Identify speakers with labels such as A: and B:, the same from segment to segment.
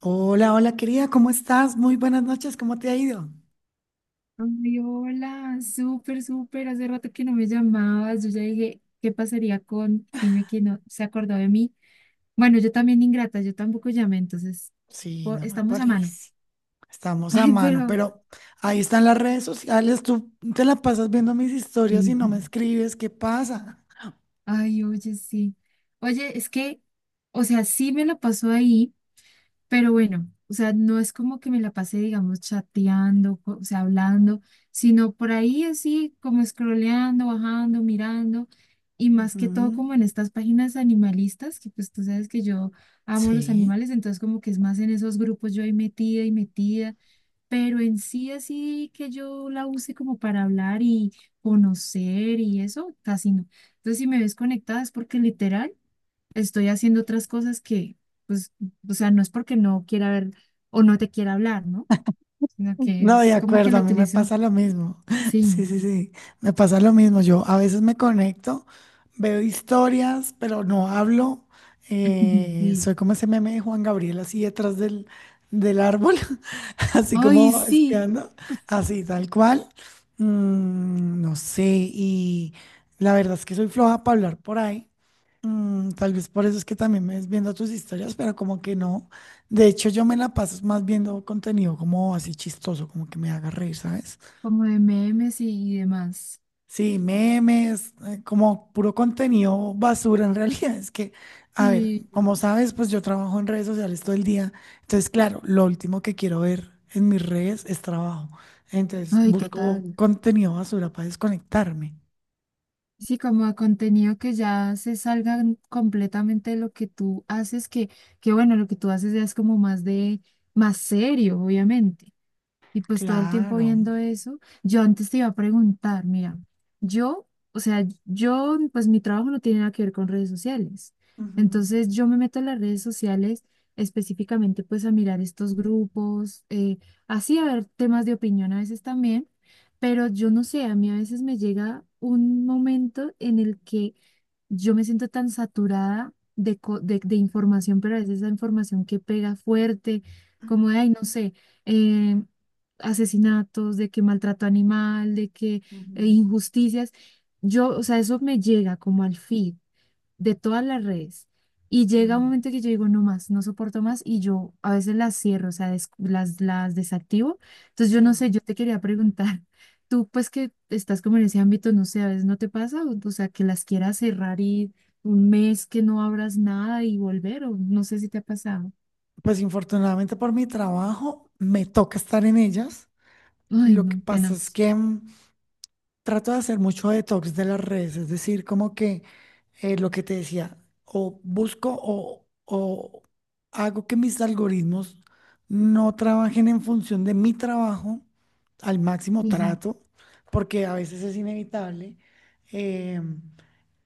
A: Hola, hola querida, ¿cómo estás? Muy buenas noches, ¿cómo te ha ido?
B: Ay, hola, súper, súper. Hace rato que no me llamabas. Yo ya dije, ¿qué pasaría con Jime que no se acordó de mí? Bueno, yo también ingrata, yo tampoco llamé, entonces
A: Sí, no me
B: estamos a mano.
A: parece. Estamos a
B: Ay,
A: mano,
B: pero,
A: pero ahí están las redes sociales, tú te la pasas viendo mis historias y no me escribes, ¿qué pasa?
B: ay, oye, sí. Oye, es que, o sea, sí me la pasó ahí. Pero bueno, o sea, no es como que me la pasé, digamos, chateando, o sea, hablando, sino por ahí así como scrolleando, bajando, mirando, y más que todo
A: Ujú.
B: como en estas páginas animalistas, que pues tú sabes que yo amo los
A: Sí.
B: animales, entonces como que es más en esos grupos yo ahí metida y metida, pero en sí así que yo la use como para hablar y conocer y eso, casi no. Entonces si me ves conectada es porque literal estoy haciendo otras cosas que, pues, o sea, no es porque no quiera ver o no te quiera hablar, ¿no? Sino que
A: No, de
B: es como que
A: acuerdo, a
B: lo
A: mí me
B: utilizo.
A: pasa lo mismo. Sí,
B: Sí,
A: sí, sí, me pasa lo mismo. Yo a veces me conecto, veo historias, pero no hablo.
B: sí.
A: Soy como ese meme de Juan Gabriel así detrás del árbol, así
B: Ay,
A: como
B: sí,
A: espiando, así tal cual. Mm, no sé, y la verdad es que soy floja para hablar por ahí. Mm, tal vez por eso es que también me ves viendo tus historias, pero como que no. De hecho, yo me la paso más viendo contenido como así chistoso, como que me haga reír, ¿sabes?
B: como de memes y demás.
A: Sí, memes, como puro contenido basura en realidad. Es que, a ver,
B: Sí,
A: como sabes, pues yo trabajo en redes sociales todo el día. Entonces, claro, lo último que quiero ver en mis redes es trabajo. Entonces,
B: ay,
A: busco
B: total.
A: contenido basura para desconectarme.
B: Sí, como de contenido que ya se salga completamente de lo que tú haces, que bueno, lo que tú haces ya es como más más serio, obviamente. Y pues todo el tiempo
A: Claro.
B: viendo eso, yo antes te iba a preguntar, mira, yo, o sea, yo, pues mi trabajo no tiene nada que ver con redes sociales.
A: Ujú,
B: Entonces yo me meto en las redes sociales específicamente pues a mirar estos grupos, así a ver temas de opinión a veces también, pero yo no sé, a mí a veces me llega un momento en el que yo me siento tan saturada de información, pero a veces esa información que pega fuerte, como de, ay, no sé, eh, asesinatos, de que maltrato animal, de que
A: ujú,
B: injusticias, yo, o sea, eso me llega como al feed de todas las redes. Y llega un
A: ujú.
B: momento que yo digo, no más, no soporto más y yo a veces las cierro, o sea, las desactivo. Entonces yo no
A: Sí.
B: sé, yo te quería preguntar, tú pues que estás como en ese ámbito, no sé, a veces no te pasa, o sea, que las quieras cerrar y un mes que no abras nada y volver, o no sé si te ha pasado.
A: Pues infortunadamente por mi trabajo me toca estar en ellas.
B: Ay,
A: Lo que
B: no,
A: pasa es
B: tenaz.
A: que mm, trato de hacer mucho detox de las redes, es decir, como que lo que te decía, o busco o hago que mis algoritmos no trabajen en función de mi trabajo, al máximo
B: Sí, sí,
A: trato, porque a veces es inevitable, eh,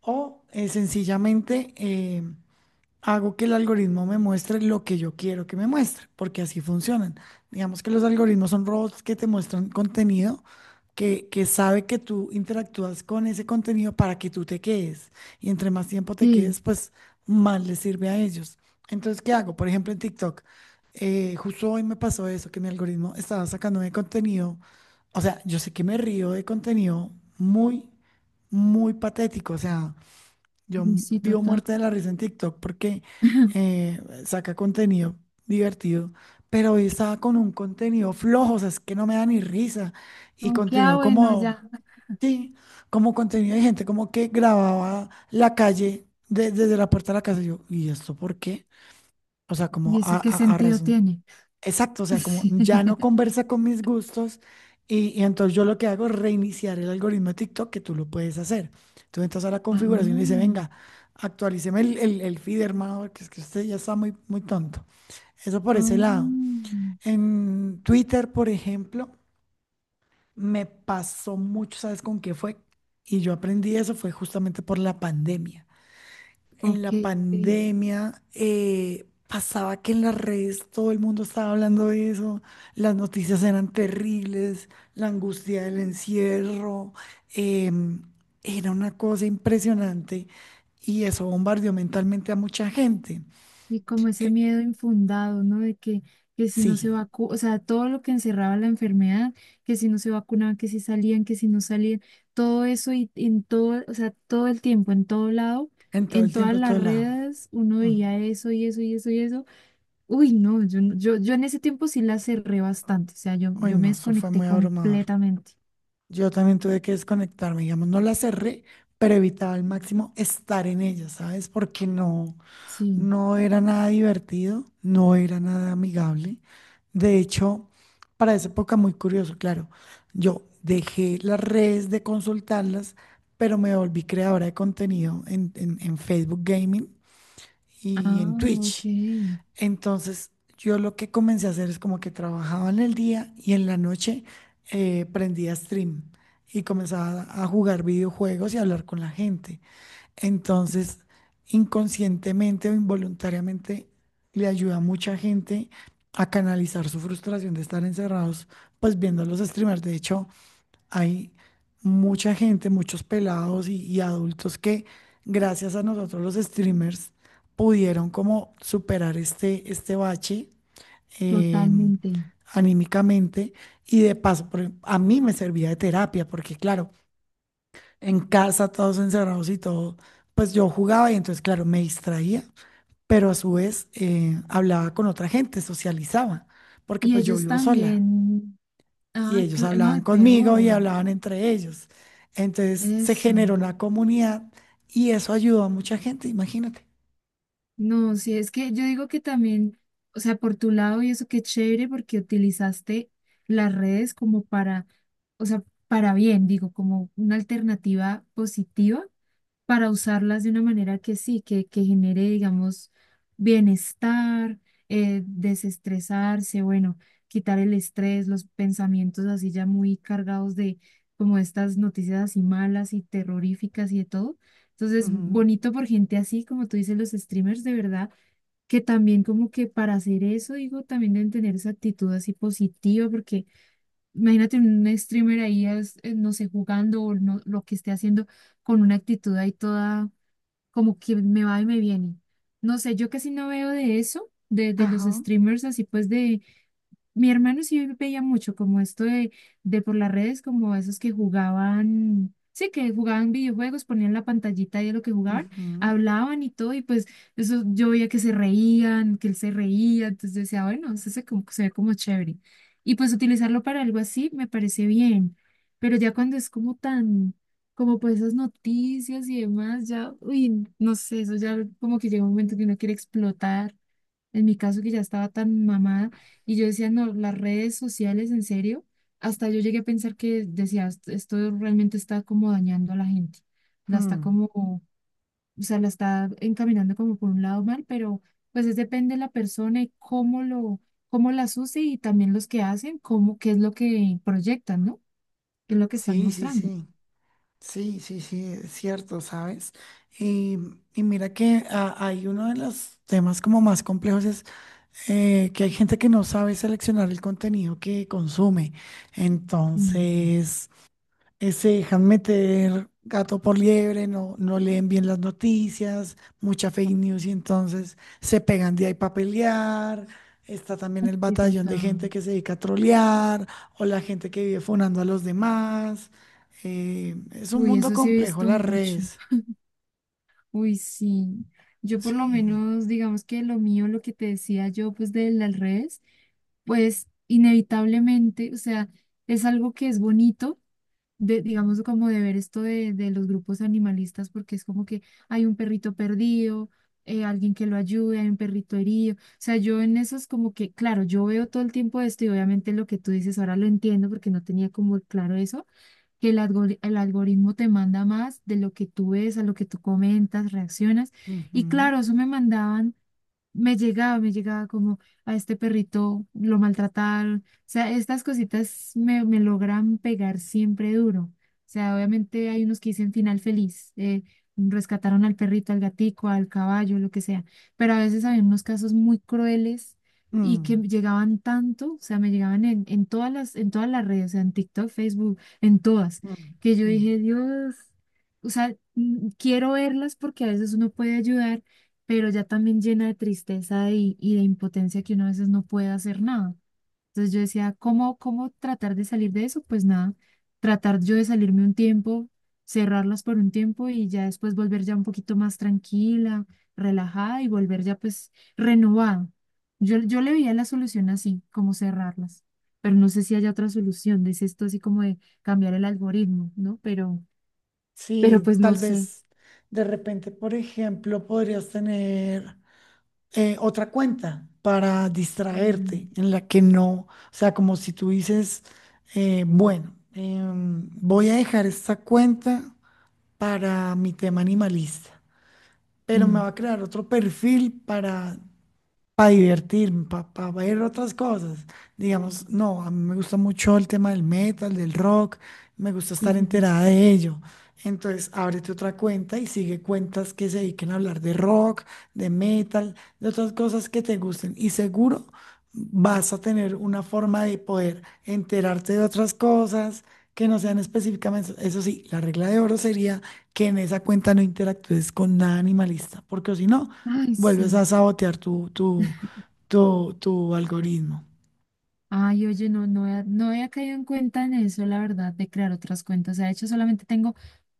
A: o sencillamente hago que el algoritmo me muestre lo que yo quiero que me muestre, porque así funcionan. Digamos que los algoritmos son robots que te muestran contenido que sabe que tú interactúas con ese contenido para que tú te quedes. Y entre más tiempo te
B: sí,
A: quedes, pues más les sirve a ellos. Entonces, ¿qué hago? Por ejemplo, en TikTok, justo hoy me pasó eso, que mi algoritmo estaba sacando de contenido. O sea, yo sé que me río de contenido muy, muy patético. O sea,
B: sí, sí,
A: vivo
B: total.
A: muerta de la risa en TikTok porque saca contenido divertido, pero hoy estaba con un contenido flojo, o sea, es que no me da ni risa. Y
B: Como que, ah,
A: contenido
B: bueno,
A: como,
B: ya.
A: sí, como contenido de gente como que grababa la calle desde la puerta de la casa. Y yo, ¿y esto por qué? O sea, como
B: ¿Y eso qué
A: a
B: sentido
A: razón.
B: tiene?
A: Exacto, o sea, como
B: Sí.
A: ya no conversa con mis gustos y entonces yo lo que hago es reiniciar el algoritmo de TikTok que tú lo puedes hacer. Tú entras a la
B: Ah,
A: configuración y le dices, venga, actualíceme el feed, hermano, porque es que usted ya está muy tonto. Eso por ese lado.
B: ah.
A: En Twitter, por ejemplo, me pasó mucho, ¿sabes con qué fue? Y yo aprendí eso fue justamente por la pandemia en
B: Ok,
A: la
B: ok.
A: pandemia pasaba que en las redes todo el mundo estaba hablando de eso, las noticias eran terribles, la angustia del encierro, em, era una cosa impresionante y eso bombardeó mentalmente a mucha gente.
B: Y como ese
A: Eh,
B: miedo infundado, ¿no? De que si no se
A: sí,
B: vacuna, o sea, todo lo que encerraba la enfermedad, que si no se vacunaban, que si salían, que si no salían, todo eso y en todo, o sea, todo el tiempo, en todo lado,
A: en todo
B: en
A: el
B: todas
A: tiempo, en
B: las
A: todo lado.
B: redes, uno
A: Mm.
B: veía eso y eso y eso y eso. Uy, no, yo, yo, yo en ese tiempo sí la cerré bastante, o sea, yo,
A: Uy,
B: yo me
A: no, eso fue
B: desconecté
A: muy abrumador.
B: completamente.
A: Yo también tuve que desconectarme, digamos, no la cerré, pero evitaba al máximo estar en ella, ¿sabes? Porque no.
B: Sí.
A: No era nada divertido, no era nada amigable. De hecho, para esa época muy curioso, claro, yo dejé las redes de consultarlas, pero me volví creadora de contenido en, en Facebook Gaming y
B: Ah,
A: en
B: ok,
A: Twitch. Entonces, yo lo que comencé a hacer es como que trabajaba en el día y en la noche prendía stream y comenzaba a jugar videojuegos y a hablar con la gente. Entonces, inconscientemente o involuntariamente, le ayuda a mucha gente a canalizar su frustración de estar encerrados, pues viendo los streamers. De hecho, hay mucha gente, muchos pelados y adultos que, gracias a nosotros los streamers, pudieron como superar este, este bache. em,
B: totalmente.
A: Anímicamente y de paso, a mí me servía de terapia, porque claro, en casa, todos encerrados y todo, pues yo jugaba y entonces, claro, me distraía, pero a su vez hablaba con otra gente, socializaba, porque
B: Y
A: pues yo
B: ellos
A: vivo sola
B: también.
A: y
B: Ay,
A: ellos
B: no, y
A: hablaban conmigo y
B: peor,
A: hablaban entre ellos. Entonces se
B: eso.
A: generó una comunidad y eso ayudó a mucha gente, imagínate.
B: No, sí, es que yo digo que también, o sea, por tu lado y eso qué chévere porque utilizaste las redes como para, o sea, para bien, digo, como una alternativa positiva, para usarlas de una manera que sí, que genere, digamos, bienestar, desestresarse, bueno, quitar el estrés, los pensamientos así ya muy cargados de como estas noticias así malas y terroríficas y de todo. Entonces,
A: Ujú.
B: bonito por gente así, como tú dices, los streamers de verdad, que también como que para hacer eso, digo, también deben tener esa actitud así positiva, porque imagínate un streamer ahí, no sé, jugando o no, lo que esté haciendo con una actitud ahí toda como que me va y me viene. No sé, yo casi no veo de eso, de los
A: Ajá.
B: streamers así pues de, mi hermano sí veía mucho como esto de por las redes, como esos que jugaban, sí, que jugaban videojuegos, ponían la pantallita ahí de lo que jugaban,
A: Ujú,
B: hablaban y todo, y pues eso yo veía que se reían, que él se reía, entonces yo decía, bueno, eso se, se ve como chévere. Y pues utilizarlo para algo así me parece bien, pero ya cuando es como tan, como pues esas noticias y demás, ya, uy, no sé, eso ya como que llega un momento que uno quiere explotar. En mi caso, que ya estaba tan mamada y yo decía, no, las redes sociales, en serio, hasta yo llegué a pensar que decía, Esto realmente está como dañando a la gente, la está
A: mm.
B: como, o sea, la está encaminando como por un lado mal, pero pues es depende de la persona y cómo lo, cómo las use y también los que hacen, cómo, qué es lo que proyectan, ¿no? ¿Qué es lo que están
A: Sí, sí,
B: mostrando?
A: sí. Sí, sí, sí, es cierto, ¿sabes? Y, y mira que ah, hay uno de los temas como más complejos es que hay gente que no sabe seleccionar el contenido que consume.
B: Mm,
A: Entonces, se dejan meter gato por liebre, no, no leen bien las noticias, mucha fake news y entonces se pegan de ahí para pelear. Está también el
B: sí,
A: batallón de gente
B: total.
A: que se dedica a trolear o la gente que vive funando a los demás. Es un
B: Uy,
A: mundo
B: eso sí he
A: complejo
B: visto
A: las
B: mucho.
A: redes.
B: Uy, sí. Yo por lo
A: Sí.
B: menos, digamos que lo mío, lo que te decía yo, pues de las redes, pues inevitablemente, o sea, es algo que es bonito, de, digamos como de ver esto de los grupos animalistas, porque es como que hay un perrito perdido, alguien que lo ayude, hay un perrito herido. O sea, yo en eso es como que, claro, yo veo todo el tiempo esto y obviamente lo que tú dices ahora lo entiendo porque no tenía como claro eso que el el algoritmo te manda más de lo que tú ves, a lo que tú comentas, reaccionas. Y
A: Ujú.
B: claro, eso me llegaba como a este perrito lo maltrataron. O sea, estas cositas me logran pegar siempre duro. O sea, obviamente hay unos que dicen final feliz, rescataron al perrito, al gatico, al caballo, lo que sea. Pero a veces había unos casos muy crueles y que
A: Mm,
B: llegaban tanto, o sea, me llegaban en todas en todas las redes, o sea, en TikTok, Facebook, en todas,
A: mm,
B: que yo
A: mm, mm.
B: dije, Dios, o sea, mm, quiero verlas porque a veces uno puede ayudar pero ya también llena de tristeza y de impotencia que uno a veces no puede hacer nada. Entonces yo decía, ¿cómo, cómo tratar de salir de eso? Pues nada, tratar yo de salirme un tiempo, cerrarlas por un tiempo y ya después volver ya un poquito más tranquila, relajada y volver ya pues renovada. Yo le veía la solución así, como cerrarlas, pero no sé si haya otra solución, dice esto así como de cambiar el algoritmo, ¿no? Pero
A: Sí,
B: pues no
A: tal
B: sé.
A: vez de repente, por ejemplo, podrías tener otra cuenta para
B: Mm,
A: distraerte en la que no, o sea, como si tú dices, voy a dejar esta cuenta para mi tema animalista,
B: sí,
A: pero me va a crear otro perfil para divertirme, para ver otras cosas. Digamos, no, a mí me gusta mucho el tema del metal, del rock, me gusta
B: sí,
A: estar
B: sí, sí.
A: enterada de ello. Entonces, ábrete otra cuenta y sigue cuentas que se dediquen a hablar de rock, de metal, de otras cosas que te gusten. Y seguro vas a tener una forma de poder enterarte de otras cosas que no sean específicamente. Eso sí, la regla de oro sería que en esa cuenta no interactúes con nada animalista, porque si no,
B: Ay,
A: vuelves
B: sí.
A: a sabotear tu algoritmo.
B: Ay, oye, no, no, no había caído en cuenta en eso, la verdad, de crear otras cuentas. O sea, de hecho, solamente tengo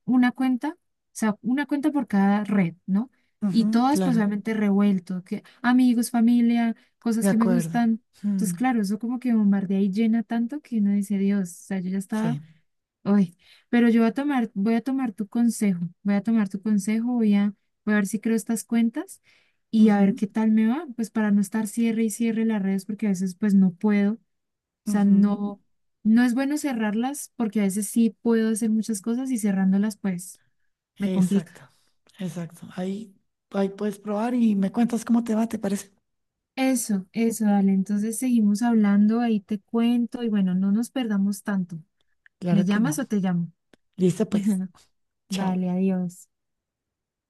B: una cuenta, o sea, una cuenta por cada red, ¿no? Y
A: Ujú,
B: todas, pues,
A: claro,
B: obviamente revuelto, que amigos, familia, cosas
A: de
B: que me
A: acuerdo.
B: gustan. Entonces,
A: Mm,
B: claro, eso como que bombardea y llena tanto que uno dice, Dios, o sea, yo ya estaba,
A: sí.
B: uy, pero yo voy a tomar tu consejo, voy a tomar tu consejo, voy a, voy a ver si creo estas cuentas y a
A: Ujú,
B: ver qué tal me va, pues, para no estar cierre y cierre las redes, porque a veces, pues, no puedo sea,
A: ujú.
B: no, no es bueno cerrarlas porque a veces sí puedo hacer muchas cosas y cerrándolas pues me complica.
A: Exacto, exacto. Ahí, ahí puedes probar y me cuentas cómo te va, ¿te parece?
B: Eso, dale. Entonces seguimos hablando, ahí te cuento y bueno, no nos perdamos tanto. ¿Me
A: Claro que no.
B: llamas o te llamo?
A: Listo, pues. Chao.
B: Vale, adiós.